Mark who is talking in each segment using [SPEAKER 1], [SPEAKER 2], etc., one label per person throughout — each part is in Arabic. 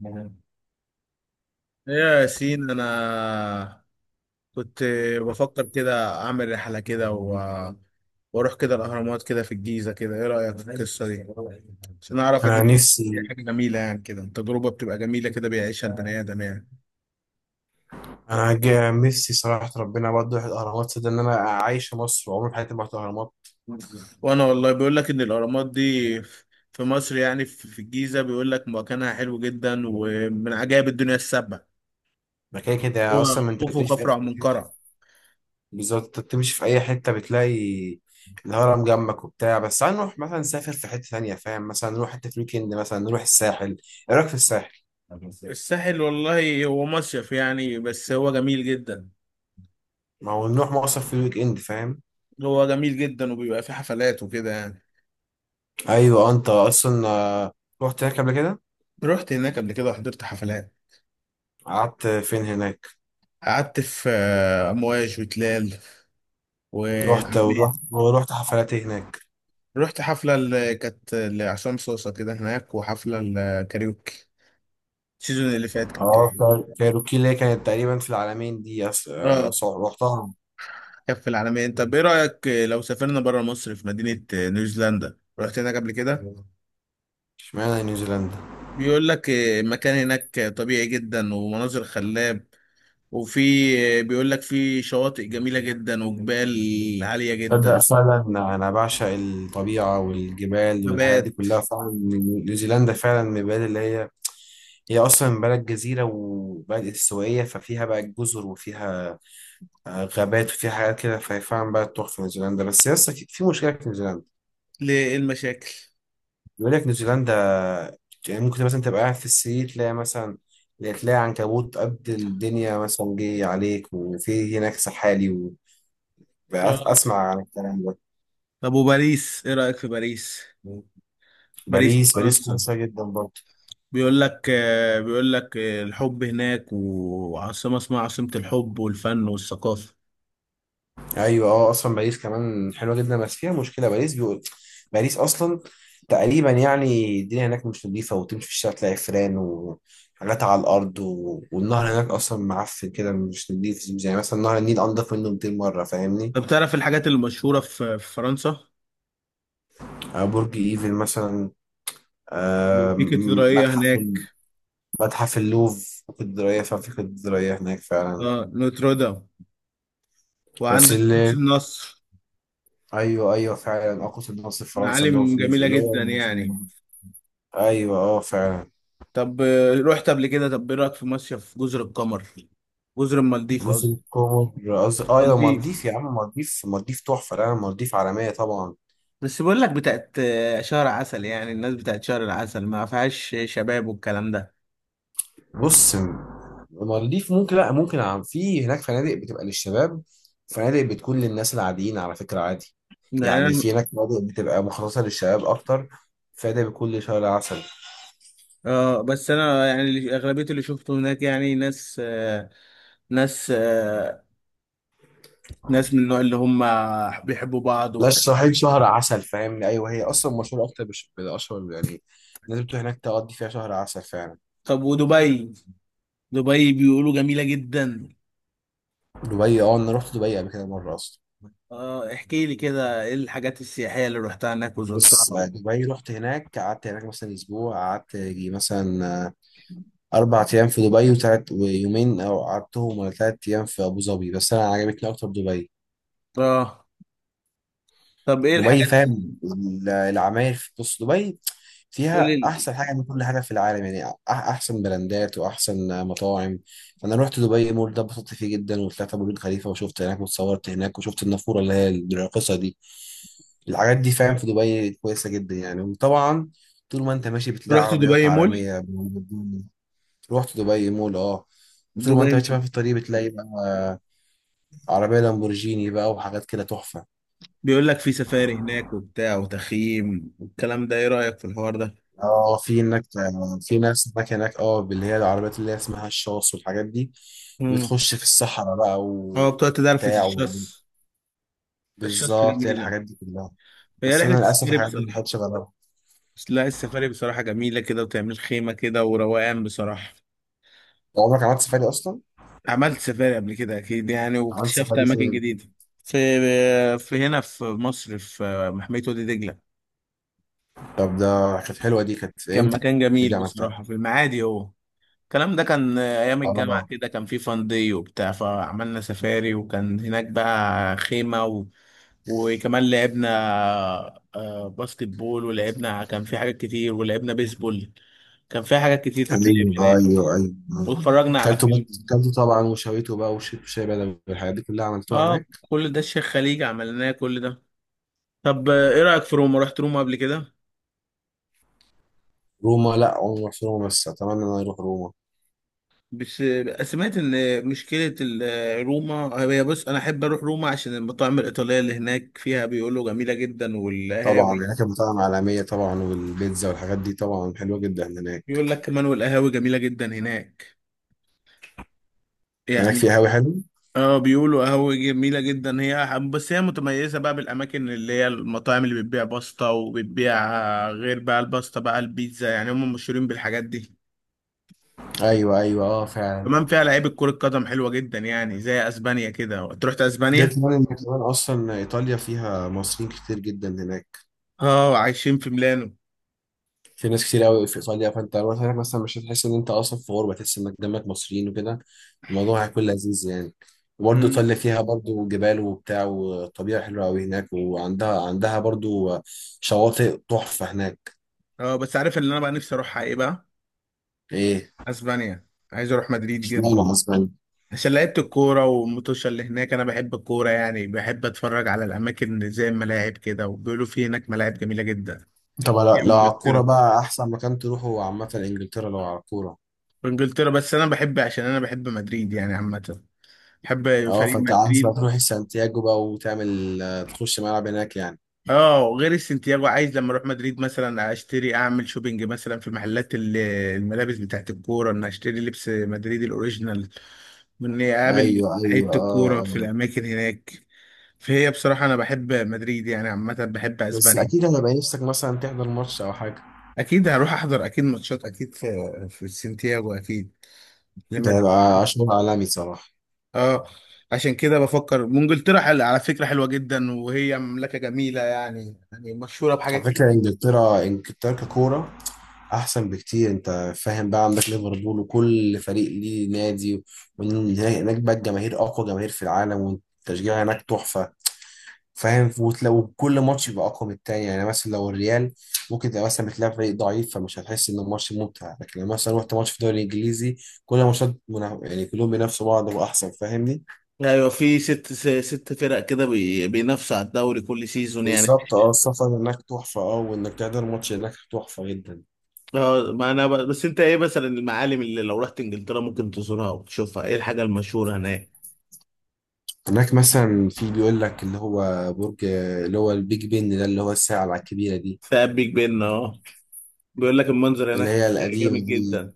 [SPEAKER 1] مهم. إيه يا ياسين، انا كنت بفكر كده اعمل رحله كده واروح كده الاهرامات كده في الجيزه. كده ايه رايك في القصه دي؟ عشان اعرف
[SPEAKER 2] انا
[SPEAKER 1] ان هي
[SPEAKER 2] نفسي
[SPEAKER 1] حاجه جميله، يعني كده تجربه بتبقى جميله كده بيعيشها البني ادم يعني.
[SPEAKER 2] انا جا- نفسي صراحه ربنا برضه يروح الاهرامات ده ان انا عايش في مصر وعمري في حياتي ما رحت الاهرامات.
[SPEAKER 1] وانا والله بيقول لك ان الاهرامات دي في مصر، يعني في الجيزه، بيقول لك مكانها حلو جدا ومن عجائب الدنيا السبع:
[SPEAKER 2] مكان
[SPEAKER 1] هو
[SPEAKER 2] كده اصلا ما انت
[SPEAKER 1] خوف وخفرع ومنقرع.
[SPEAKER 2] بالظبط انت بتمشي في اي حته بتلاقي الهرم جنبك وبتاع. بس تعال نروح مثلا نسافر في حته ثانيه، فاهم؟ مثلا نروح حته في الويك اند، مثلا نروح الساحل. ايه رايك في الساحل؟
[SPEAKER 1] الساحل والله هو مصيف يعني، بس هو جميل جدا.
[SPEAKER 2] ما هو نروح مصر في الويك اند، فاهم؟
[SPEAKER 1] هو جميل جدا وبيبقى فيه حفلات وكده يعني.
[SPEAKER 2] ايوه انت اصلا رحت هناك قبل كده؟
[SPEAKER 1] رحت هناك قبل كده وحضرت حفلات.
[SPEAKER 2] قعدت فين هناك؟
[SPEAKER 1] قعدت في امواج وتلال
[SPEAKER 2] رحت
[SPEAKER 1] والعلمين.
[SPEAKER 2] ورحت ورحت حفلات إيه هناك؟
[SPEAKER 1] رحت حفلة اللي كانت لعصام صوصة كده هناك، وحفلة الكاريوكي. السيزون اللي فات كان
[SPEAKER 2] اه
[SPEAKER 1] كاريوكي.
[SPEAKER 2] طيب كايروكي اللي هي كانت تقريبا في العالمين دي
[SPEAKER 1] اه.
[SPEAKER 2] رحتها.
[SPEAKER 1] كان في العالمين. طب ايه رأيك لو سافرنا بره مصر في مدينة نيوزيلندا؟ رحت هناك قبل كده؟
[SPEAKER 2] اشمعنى نيوزيلندا؟
[SPEAKER 1] بيقول لك المكان هناك طبيعي جدا ومناظر خلاب. وفي بيقول لك في شواطئ جميلة جدا وجبال عالية
[SPEAKER 2] تصدق
[SPEAKER 1] جدا.
[SPEAKER 2] فعلا انا بعشق الطبيعه والجبال والحاجات دي
[SPEAKER 1] نبات.
[SPEAKER 2] كلها فعلا. نيوزيلندا فعلا من البلاد اللي هي هي اصلا بلد جزيره وبلد استوائيه، ففيها بقى جزر وفيها غابات وفيها حاجات كده، فهي فعلا بلد تحفه نيوزيلندا. بس يس اكيد في مشكله في نيوزيلندا،
[SPEAKER 1] ليه، ايه المشاكل؟
[SPEAKER 2] بيقول لك نيوزيلندا يعني ممكن مثلا تبقى قاعد في السرير تلاقي مثلا تلاقي عنكبوت قد الدنيا مثلا جه عليك، وفي هناك سحالي و... بقى
[SPEAKER 1] آه.
[SPEAKER 2] اسمع عن الكلام ده.
[SPEAKER 1] طب وباريس، ايه رأيك في باريس؟ باريس في
[SPEAKER 2] باريس باريس
[SPEAKER 1] فرنسا.
[SPEAKER 2] كويسه جدا برضه.
[SPEAKER 1] بيقول لك الحب هناك، وعاصمة اسمها عاصمة الحب والفن والثقافة.
[SPEAKER 2] ايوه اه اصلا باريس كمان حلوه جدا، بس فيها مشكله باريس بيقول باريس اصلا تقريبا يعني الدنيا هناك مش نظيفه، وتمشي في الشارع تلاقي فيران وحاجات على الارض و... والنهر هناك اصلا معفن كده مش نظيف، يعني مثلا نهر النيل انضف منه 200 مره، فاهمني؟
[SPEAKER 1] طب تعرف الحاجات المشهورة في فرنسا؟
[SPEAKER 2] برج ايفل مثلا.
[SPEAKER 1] في كاتدرائية
[SPEAKER 2] متحف
[SPEAKER 1] هناك.
[SPEAKER 2] متحف اللوف في الدراية فعلا، في الدراية هناك فعلا.
[SPEAKER 1] اه نوتردام.
[SPEAKER 2] بس
[SPEAKER 1] وعندك قدس
[SPEAKER 2] اللي
[SPEAKER 1] النصر.
[SPEAKER 2] أيوه أيوه فعلا أقصد النصر فرنسا اللي هو
[SPEAKER 1] معالم جميلة
[SPEAKER 2] اللي
[SPEAKER 1] جدا
[SPEAKER 2] هو في.
[SPEAKER 1] يعني.
[SPEAKER 2] أيوه أه فعلا.
[SPEAKER 1] طب رحت قبل كده؟ طب ايه رأيك في مصيف جزر القمر؟ جزر المالديف
[SPEAKER 2] جزر
[SPEAKER 1] قصدي.
[SPEAKER 2] القمر قصدي أيوه
[SPEAKER 1] مالديف.
[SPEAKER 2] مالديف يا عم، مالديف مالديف تحفة، لا مالديف عالمية طبعا.
[SPEAKER 1] بس بقول لك بتاعت شهر عسل، يعني الناس بتاعت شهر العسل ما فيهاش شباب والكلام ده.
[SPEAKER 2] بص مالديف ممكن لا ممكن في هناك فنادق بتبقى للشباب، فنادق بتكون للناس العاديين على فكرة عادي.
[SPEAKER 1] يعني
[SPEAKER 2] يعني
[SPEAKER 1] انا
[SPEAKER 2] في هناك فنادق بتبقى مخصصة للشباب أكتر، فنادق بتكون لشهر العسل.
[SPEAKER 1] اه. بس انا يعني اغلبيه اللي شفته هناك يعني ناس ناس آه، ناس من النوع اللي هم بيحبوا بعض
[SPEAKER 2] لا
[SPEAKER 1] وبتاع.
[SPEAKER 2] الصعيد شهر عسل فاهم، ايوه هي اصلا مشهوره اكتر بالاشهر، يعني الناس بتروح هناك تقضي فيها شهر عسل فعلا.
[SPEAKER 1] طب ودبي؟ دبي بيقولوا جميله جدا.
[SPEAKER 2] دبي اه انا رحت دبي قبل كده مره اصلا.
[SPEAKER 1] اه احكي لي كده، ايه الحاجات السياحيه اللي رحتها هناك وزرتها؟
[SPEAKER 2] بص دبي رحت هناك قعدت هناك مثلا اسبوع، قعدت يجي مثلا اربع ايام في دبي، وتلات ويومين او قعدتهم ولا تلات ايام في ابو ظبي، بس انا عجبتني اكتر دبي.
[SPEAKER 1] اه. طب ايه
[SPEAKER 2] دبي
[SPEAKER 1] الحاجات؟
[SPEAKER 2] فاهم العماير في بص دبي
[SPEAKER 1] قول
[SPEAKER 2] فيها
[SPEAKER 1] لي.
[SPEAKER 2] احسن حاجه من كل حاجه في العالم، يعني احسن براندات واحسن مطاعم. فانا رحت دبي مول ده اتبسطت فيه جدا، وطلعت أبو برج خليفه وشفت هناك وتصورت هناك، وشفت النافوره اللي هي الراقصه دي. الحاجات دي فاهم في دبي كويسه جدا يعني، وطبعا طول ما انت ماشي بتلاقي
[SPEAKER 1] رحت
[SPEAKER 2] عربيات
[SPEAKER 1] دبي مول.
[SPEAKER 2] عالميه. رحت دبي مول اه. طول ما
[SPEAKER 1] دبي
[SPEAKER 2] انت ماشي بقى في الطريق بتلاقي بقى عربيه لامبورجيني بقى وحاجات كده تحفه.
[SPEAKER 1] بيقول لك في سفاري هناك وبتاع وتخييم والكلام ده، ايه رأيك في الحوار ده؟
[SPEAKER 2] اه في هناك في ناس هناك اه اللي هي العربيات اللي هي اسمها الشاص والحاجات دي
[SPEAKER 1] امم.
[SPEAKER 2] بتخش في الصحراء بقى
[SPEAKER 1] اه بتقعد تدرفة
[SPEAKER 2] وبتاع و-
[SPEAKER 1] الشص. الشص
[SPEAKER 2] بالظبط هي
[SPEAKER 1] جميلة.
[SPEAKER 2] الحاجات دي كلها.
[SPEAKER 1] هي
[SPEAKER 2] بس
[SPEAKER 1] رحلة
[SPEAKER 2] انا للاسف
[SPEAKER 1] السفاري
[SPEAKER 2] الحاجات دي ما
[SPEAKER 1] بصراحة.
[SPEAKER 2] خدتش غيرها.
[SPEAKER 1] بس لا، السفاري بصراحة جميلة كده، وتعمل خيمة كده وروقان بصراحة.
[SPEAKER 2] عمرك عملت سفاري اصلا؟
[SPEAKER 1] عملت سفاري قبل كده أكيد يعني،
[SPEAKER 2] عملت
[SPEAKER 1] واكتشفت
[SPEAKER 2] سفاري
[SPEAKER 1] أماكن
[SPEAKER 2] فين؟
[SPEAKER 1] جديدة. في هنا في مصر، في محمية وادي دجلة.
[SPEAKER 2] طب ده كانت حلوه، دي كانت
[SPEAKER 1] كان
[SPEAKER 2] امتى؟
[SPEAKER 1] مكان
[SPEAKER 2] دي
[SPEAKER 1] جميل
[SPEAKER 2] عملتها؟
[SPEAKER 1] بصراحة في المعادي هو. الكلام ده كان ايام الجامعه
[SPEAKER 2] اه
[SPEAKER 1] كده، كان في فان داي وبتاع، فعملنا سفاري وكان هناك بقى خيمه. وكمان لعبنا باسكت بول ولعبنا، كان في حاجات كتير ولعبنا بيسبول. كان في حاجات كتير تتلعب
[SPEAKER 2] ايوه
[SPEAKER 1] هناك.
[SPEAKER 2] ايوه ايوه.
[SPEAKER 1] واتفرجنا على
[SPEAKER 2] كلته بط...
[SPEAKER 1] فيلم.
[SPEAKER 2] كلته طبعا وشويته بقى وشربت شاي بدوي والحاجات دي كلها عملتوها
[SPEAKER 1] اه
[SPEAKER 2] هناك.
[SPEAKER 1] كل ده الشيخ خليج عملناه، كل ده. طب ايه رأيك في روما؟ رحت روما قبل كده؟
[SPEAKER 2] روما لا عمري ما رحت روما، بس اتمنى ان انا اروح روما.
[SPEAKER 1] بس سمعت ان مشكلة روما. هي بص، انا احب اروح روما عشان المطاعم الإيطالية اللي هناك فيها بيقولوا جميلة جدا،
[SPEAKER 2] طبعا
[SPEAKER 1] والقهاوي.
[SPEAKER 2] هناك المطاعم عالمية طبعا، والبيتزا والحاجات دي طبعا حلوة جدا هناك.
[SPEAKER 1] بيقول لك كمان والقهاوي جميلة جدا هناك
[SPEAKER 2] هناك في
[SPEAKER 1] يعني.
[SPEAKER 2] قهوة حلو.
[SPEAKER 1] اه بيقولوا قهوة جميلة جدا. بس هي متميزة بقى بالأماكن اللي هي المطاعم اللي بتبيع باستا وبتبيع، غير بقى الباستا بقى البيتزا، يعني هم مشهورين بالحاجات دي.
[SPEAKER 2] أيوة أيوة أه فعلا.
[SPEAKER 1] كمان فيها لعيبة كرة قدم حلوة جدا، يعني زي أسبانيا كده، تروح
[SPEAKER 2] غير
[SPEAKER 1] أسبانيا.
[SPEAKER 2] كمان إن كمان أصلا إيطاليا فيها مصريين كتير جدا هناك،
[SPEAKER 1] اه عايشين في ميلانو.
[SPEAKER 2] في ناس كتير أوي في إيطاليا، فأنت لو مثلا مش هتحس إن أنت أصلا في غربة، تحس إنك جنبك مصريين وكده، الموضوع هيكون لذيذ يعني. وبرضه
[SPEAKER 1] مم.
[SPEAKER 2] إيطاليا فيها برضه جبال وبتاع، والطبيعة حلوة أوي هناك، وعندها برضه شواطئ تحفة هناك.
[SPEAKER 1] اه بس عارف اللي أنا بقى نفسي أروحها إيه بقى؟
[SPEAKER 2] إيه؟
[SPEAKER 1] أسبانيا. عايز أروح مدريد جدا.
[SPEAKER 2] اشمعنى؟
[SPEAKER 1] عشان لعيبة الكورة والمتوشة اللي هناك. أنا بحب الكورة يعني، بحب أتفرج على الأماكن زي الملاعب كده، وبيقولوا في هناك ملاعب جميلة جدا.
[SPEAKER 2] طب لو
[SPEAKER 1] في
[SPEAKER 2] لو على الكورة
[SPEAKER 1] إنجلترا؟
[SPEAKER 2] بقى أحسن مكان تروحه عامة إنجلترا لو على الكورة.
[SPEAKER 1] بانجلترا، بس انا بحب عشان انا بحب مدريد يعني عامه، بحب
[SPEAKER 2] أه
[SPEAKER 1] فريق
[SPEAKER 2] فأنت عايز بقى
[SPEAKER 1] مدريد.
[SPEAKER 2] تروح سانتياغو بقى وتعمل تخش ملعب هناك يعني.
[SPEAKER 1] اه غير السنتياجو، عايز لما اروح مدريد مثلا اشتري، اعمل شوبينج مثلا في محلات الملابس بتاعت الكوره، ان اشتري لبس مدريد الاوريجينال، واني اقابل
[SPEAKER 2] أيوه أيوه
[SPEAKER 1] لعيبه الكوره
[SPEAKER 2] أه
[SPEAKER 1] في
[SPEAKER 2] أه.
[SPEAKER 1] الاماكن هناك. فهي بصراحه انا بحب مدريد يعني عامه، بحب
[SPEAKER 2] بس
[SPEAKER 1] اسبانيا.
[SPEAKER 2] أكيد هيبقى نفسك مثلا تحضر ماتش أو حاجة.
[SPEAKER 1] اكيد هروح احضر اكيد ماتشات، اكيد في السنتياجو اكيد
[SPEAKER 2] ده
[SPEAKER 1] لما.
[SPEAKER 2] هيبقى شغل عالمي صراحة.
[SPEAKER 1] اه. عشان كده بفكر. وانجلترا على فكرة حلوة جدا، وهي مملكة جميلة يعني، يعني مشهورة بحاجات
[SPEAKER 2] على فكرة
[SPEAKER 1] كتير.
[SPEAKER 2] إنجلترا إنجلترا ككورة أحسن بكتير، أنت فاهم بقى عندك ليفربول وكل فريق ليه نادي، وهناك بقى الجماهير أقوى جماهير في العالم، والتشجيع هناك تحفة فاهم، لو كل ماتش يبقى اقوى من التاني. يعني مثلا لو الريال ممكن تبقى مثلا بتلعب فريق ضعيف فمش هتحس ان الماتش ممتع، لكن لما مثلا رحت ماتش في الدوري الانجليزي كل يعني كلهم بينافسوا بعض واحسن، فاهمني؟
[SPEAKER 1] ايوه، في ست فرق كده بينافسوا على الدوري كل سيزون يعني.
[SPEAKER 2] بالظبط اه السفر هناك تحفه، اه وانك تحضر ماتش هناك تحفه جدا.
[SPEAKER 1] اه ما انا بس انت، ايه مثلا المعالم اللي لو رحت انجلترا ممكن تزورها وتشوفها؟ ايه الحاجة المشهورة هناك؟
[SPEAKER 2] هناك مثلا في بيقول لك اللي هو برج اللي هو البيج بن ده اللي هو الساعه الكبيره دي،
[SPEAKER 1] ثاب بيج بن. اه بيقول لك المنظر
[SPEAKER 2] اللي
[SPEAKER 1] هناك
[SPEAKER 2] هي القديمه
[SPEAKER 1] جامد
[SPEAKER 2] دي.
[SPEAKER 1] جدا.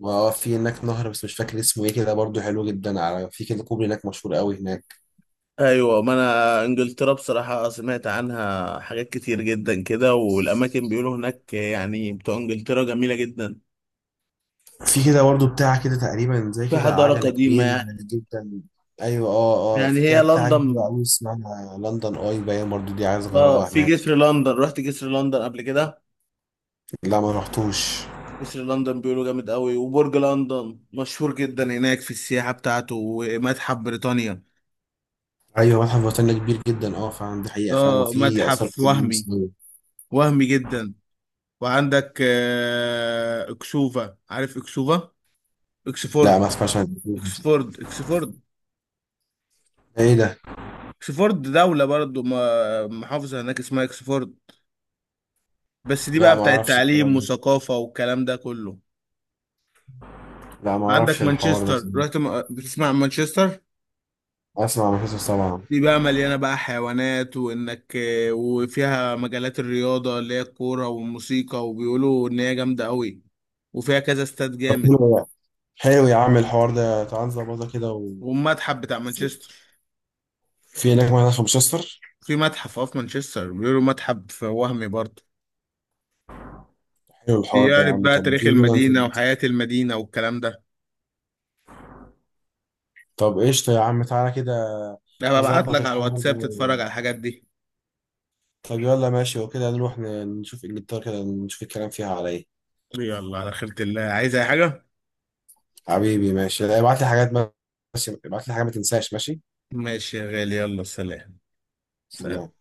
[SPEAKER 2] واه في هناك نهر بس مش فاكر اسمه ايه كده برضو حلو جدا، على في كده كوبري هناك مشهور قوي هناك.
[SPEAKER 1] ايوه ما انا انجلترا بصراحه سمعت عنها حاجات كتير جدا كده، والاماكن بيقولوا هناك يعني بتوع انجلترا جميله جدا.
[SPEAKER 2] في كده برضه بتاع كده تقريبا زي
[SPEAKER 1] في
[SPEAKER 2] كده
[SPEAKER 1] حضارة
[SPEAKER 2] عجلة كبير
[SPEAKER 1] قديمة.
[SPEAKER 2] جدا. ايوه اه اه
[SPEAKER 1] يعني
[SPEAKER 2] في كده
[SPEAKER 1] هي
[SPEAKER 2] بتاع كبير
[SPEAKER 1] لندن.
[SPEAKER 2] قوي اسمها لندن اي باين برضه، دي عايز
[SPEAKER 1] اه
[SPEAKER 2] اجربها
[SPEAKER 1] في
[SPEAKER 2] هناك.
[SPEAKER 1] جسر لندن. رحت جسر لندن قبل كده؟
[SPEAKER 2] لا ما رحتوش.
[SPEAKER 1] جسر لندن بيقولوا جامد قوي، وبرج لندن مشهور جدا هناك في السياحة بتاعته، ومتحف بريطانيا.
[SPEAKER 2] ايوه متحف بريطانيا كبير جدا اه فعلا، دي حقيقة فعلا،
[SPEAKER 1] اه
[SPEAKER 2] وفي اثار
[SPEAKER 1] متحف
[SPEAKER 2] كتير أوي
[SPEAKER 1] وهمي،
[SPEAKER 2] مصرية.
[SPEAKER 1] وهمي جدا. وعندك اكسوفا، عارف اكسوفا؟
[SPEAKER 2] لا
[SPEAKER 1] اكسفورد.
[SPEAKER 2] ما اسمعش عن الكلام ده.
[SPEAKER 1] اكسفورد. اكسفورد
[SPEAKER 2] ايه ده؟
[SPEAKER 1] اكسفورد دولة برضو، محافظة هناك اسمها اكسفورد. بس دي
[SPEAKER 2] لا
[SPEAKER 1] بقى
[SPEAKER 2] ما
[SPEAKER 1] بتاعت
[SPEAKER 2] اعرفش
[SPEAKER 1] تعليم
[SPEAKER 2] الكلام ده.
[SPEAKER 1] وثقافة والكلام ده كله.
[SPEAKER 2] لا ما
[SPEAKER 1] عندك
[SPEAKER 2] اعرفش الحوار ده
[SPEAKER 1] مانشستر،
[SPEAKER 2] صراحة.
[SPEAKER 1] رحت بتسمع عن مانشستر؟
[SPEAKER 2] اسمع عن القصص طبعا.
[SPEAKER 1] دي بقى مليانة بقى حيوانات، وفيها مجالات الرياضة اللي هي الكورة والموسيقى، وبيقولوا إن هي جامدة قوي، وفيها كذا استاد
[SPEAKER 2] طب
[SPEAKER 1] جامد.
[SPEAKER 2] حلو ده. حلو يا عم الحوار ده، تعال نظبطها كده و...
[SPEAKER 1] والمتحف بتاع مانشستر،
[SPEAKER 2] في هناك معانا 15.
[SPEAKER 1] في متحف، اه في مانشستر بيقولوا متحف وهمي برضه.
[SPEAKER 2] حلو الحوار ده يا
[SPEAKER 1] بيعرف
[SPEAKER 2] عم،
[SPEAKER 1] بقى
[SPEAKER 2] طب ما
[SPEAKER 1] تاريخ
[SPEAKER 2] تيجي كده ننزل؟
[SPEAKER 1] المدينة وحياة المدينة والكلام ده.
[SPEAKER 2] طب قشطة يا عم، تعالى كده
[SPEAKER 1] أنا ببعت
[SPEAKER 2] نظبط
[SPEAKER 1] لك على
[SPEAKER 2] الحوار
[SPEAKER 1] الواتساب تتفرج
[SPEAKER 2] ده.
[SPEAKER 1] على الحاجات دي.
[SPEAKER 2] طب يلا ماشي، وكده نروح نشوف انجلترا كده نشوف الكلام فيها على ايه.
[SPEAKER 1] يلا على خيرة الله، عايز أي حاجة؟
[SPEAKER 2] حبيبي ماشي، لا، ابعت لي حاجات، بس ابعت لي حاجة ما تنساش، ماشي.
[SPEAKER 1] ماشي يا غالي، يلا سلام. سلام.
[SPEAKER 2] سلام.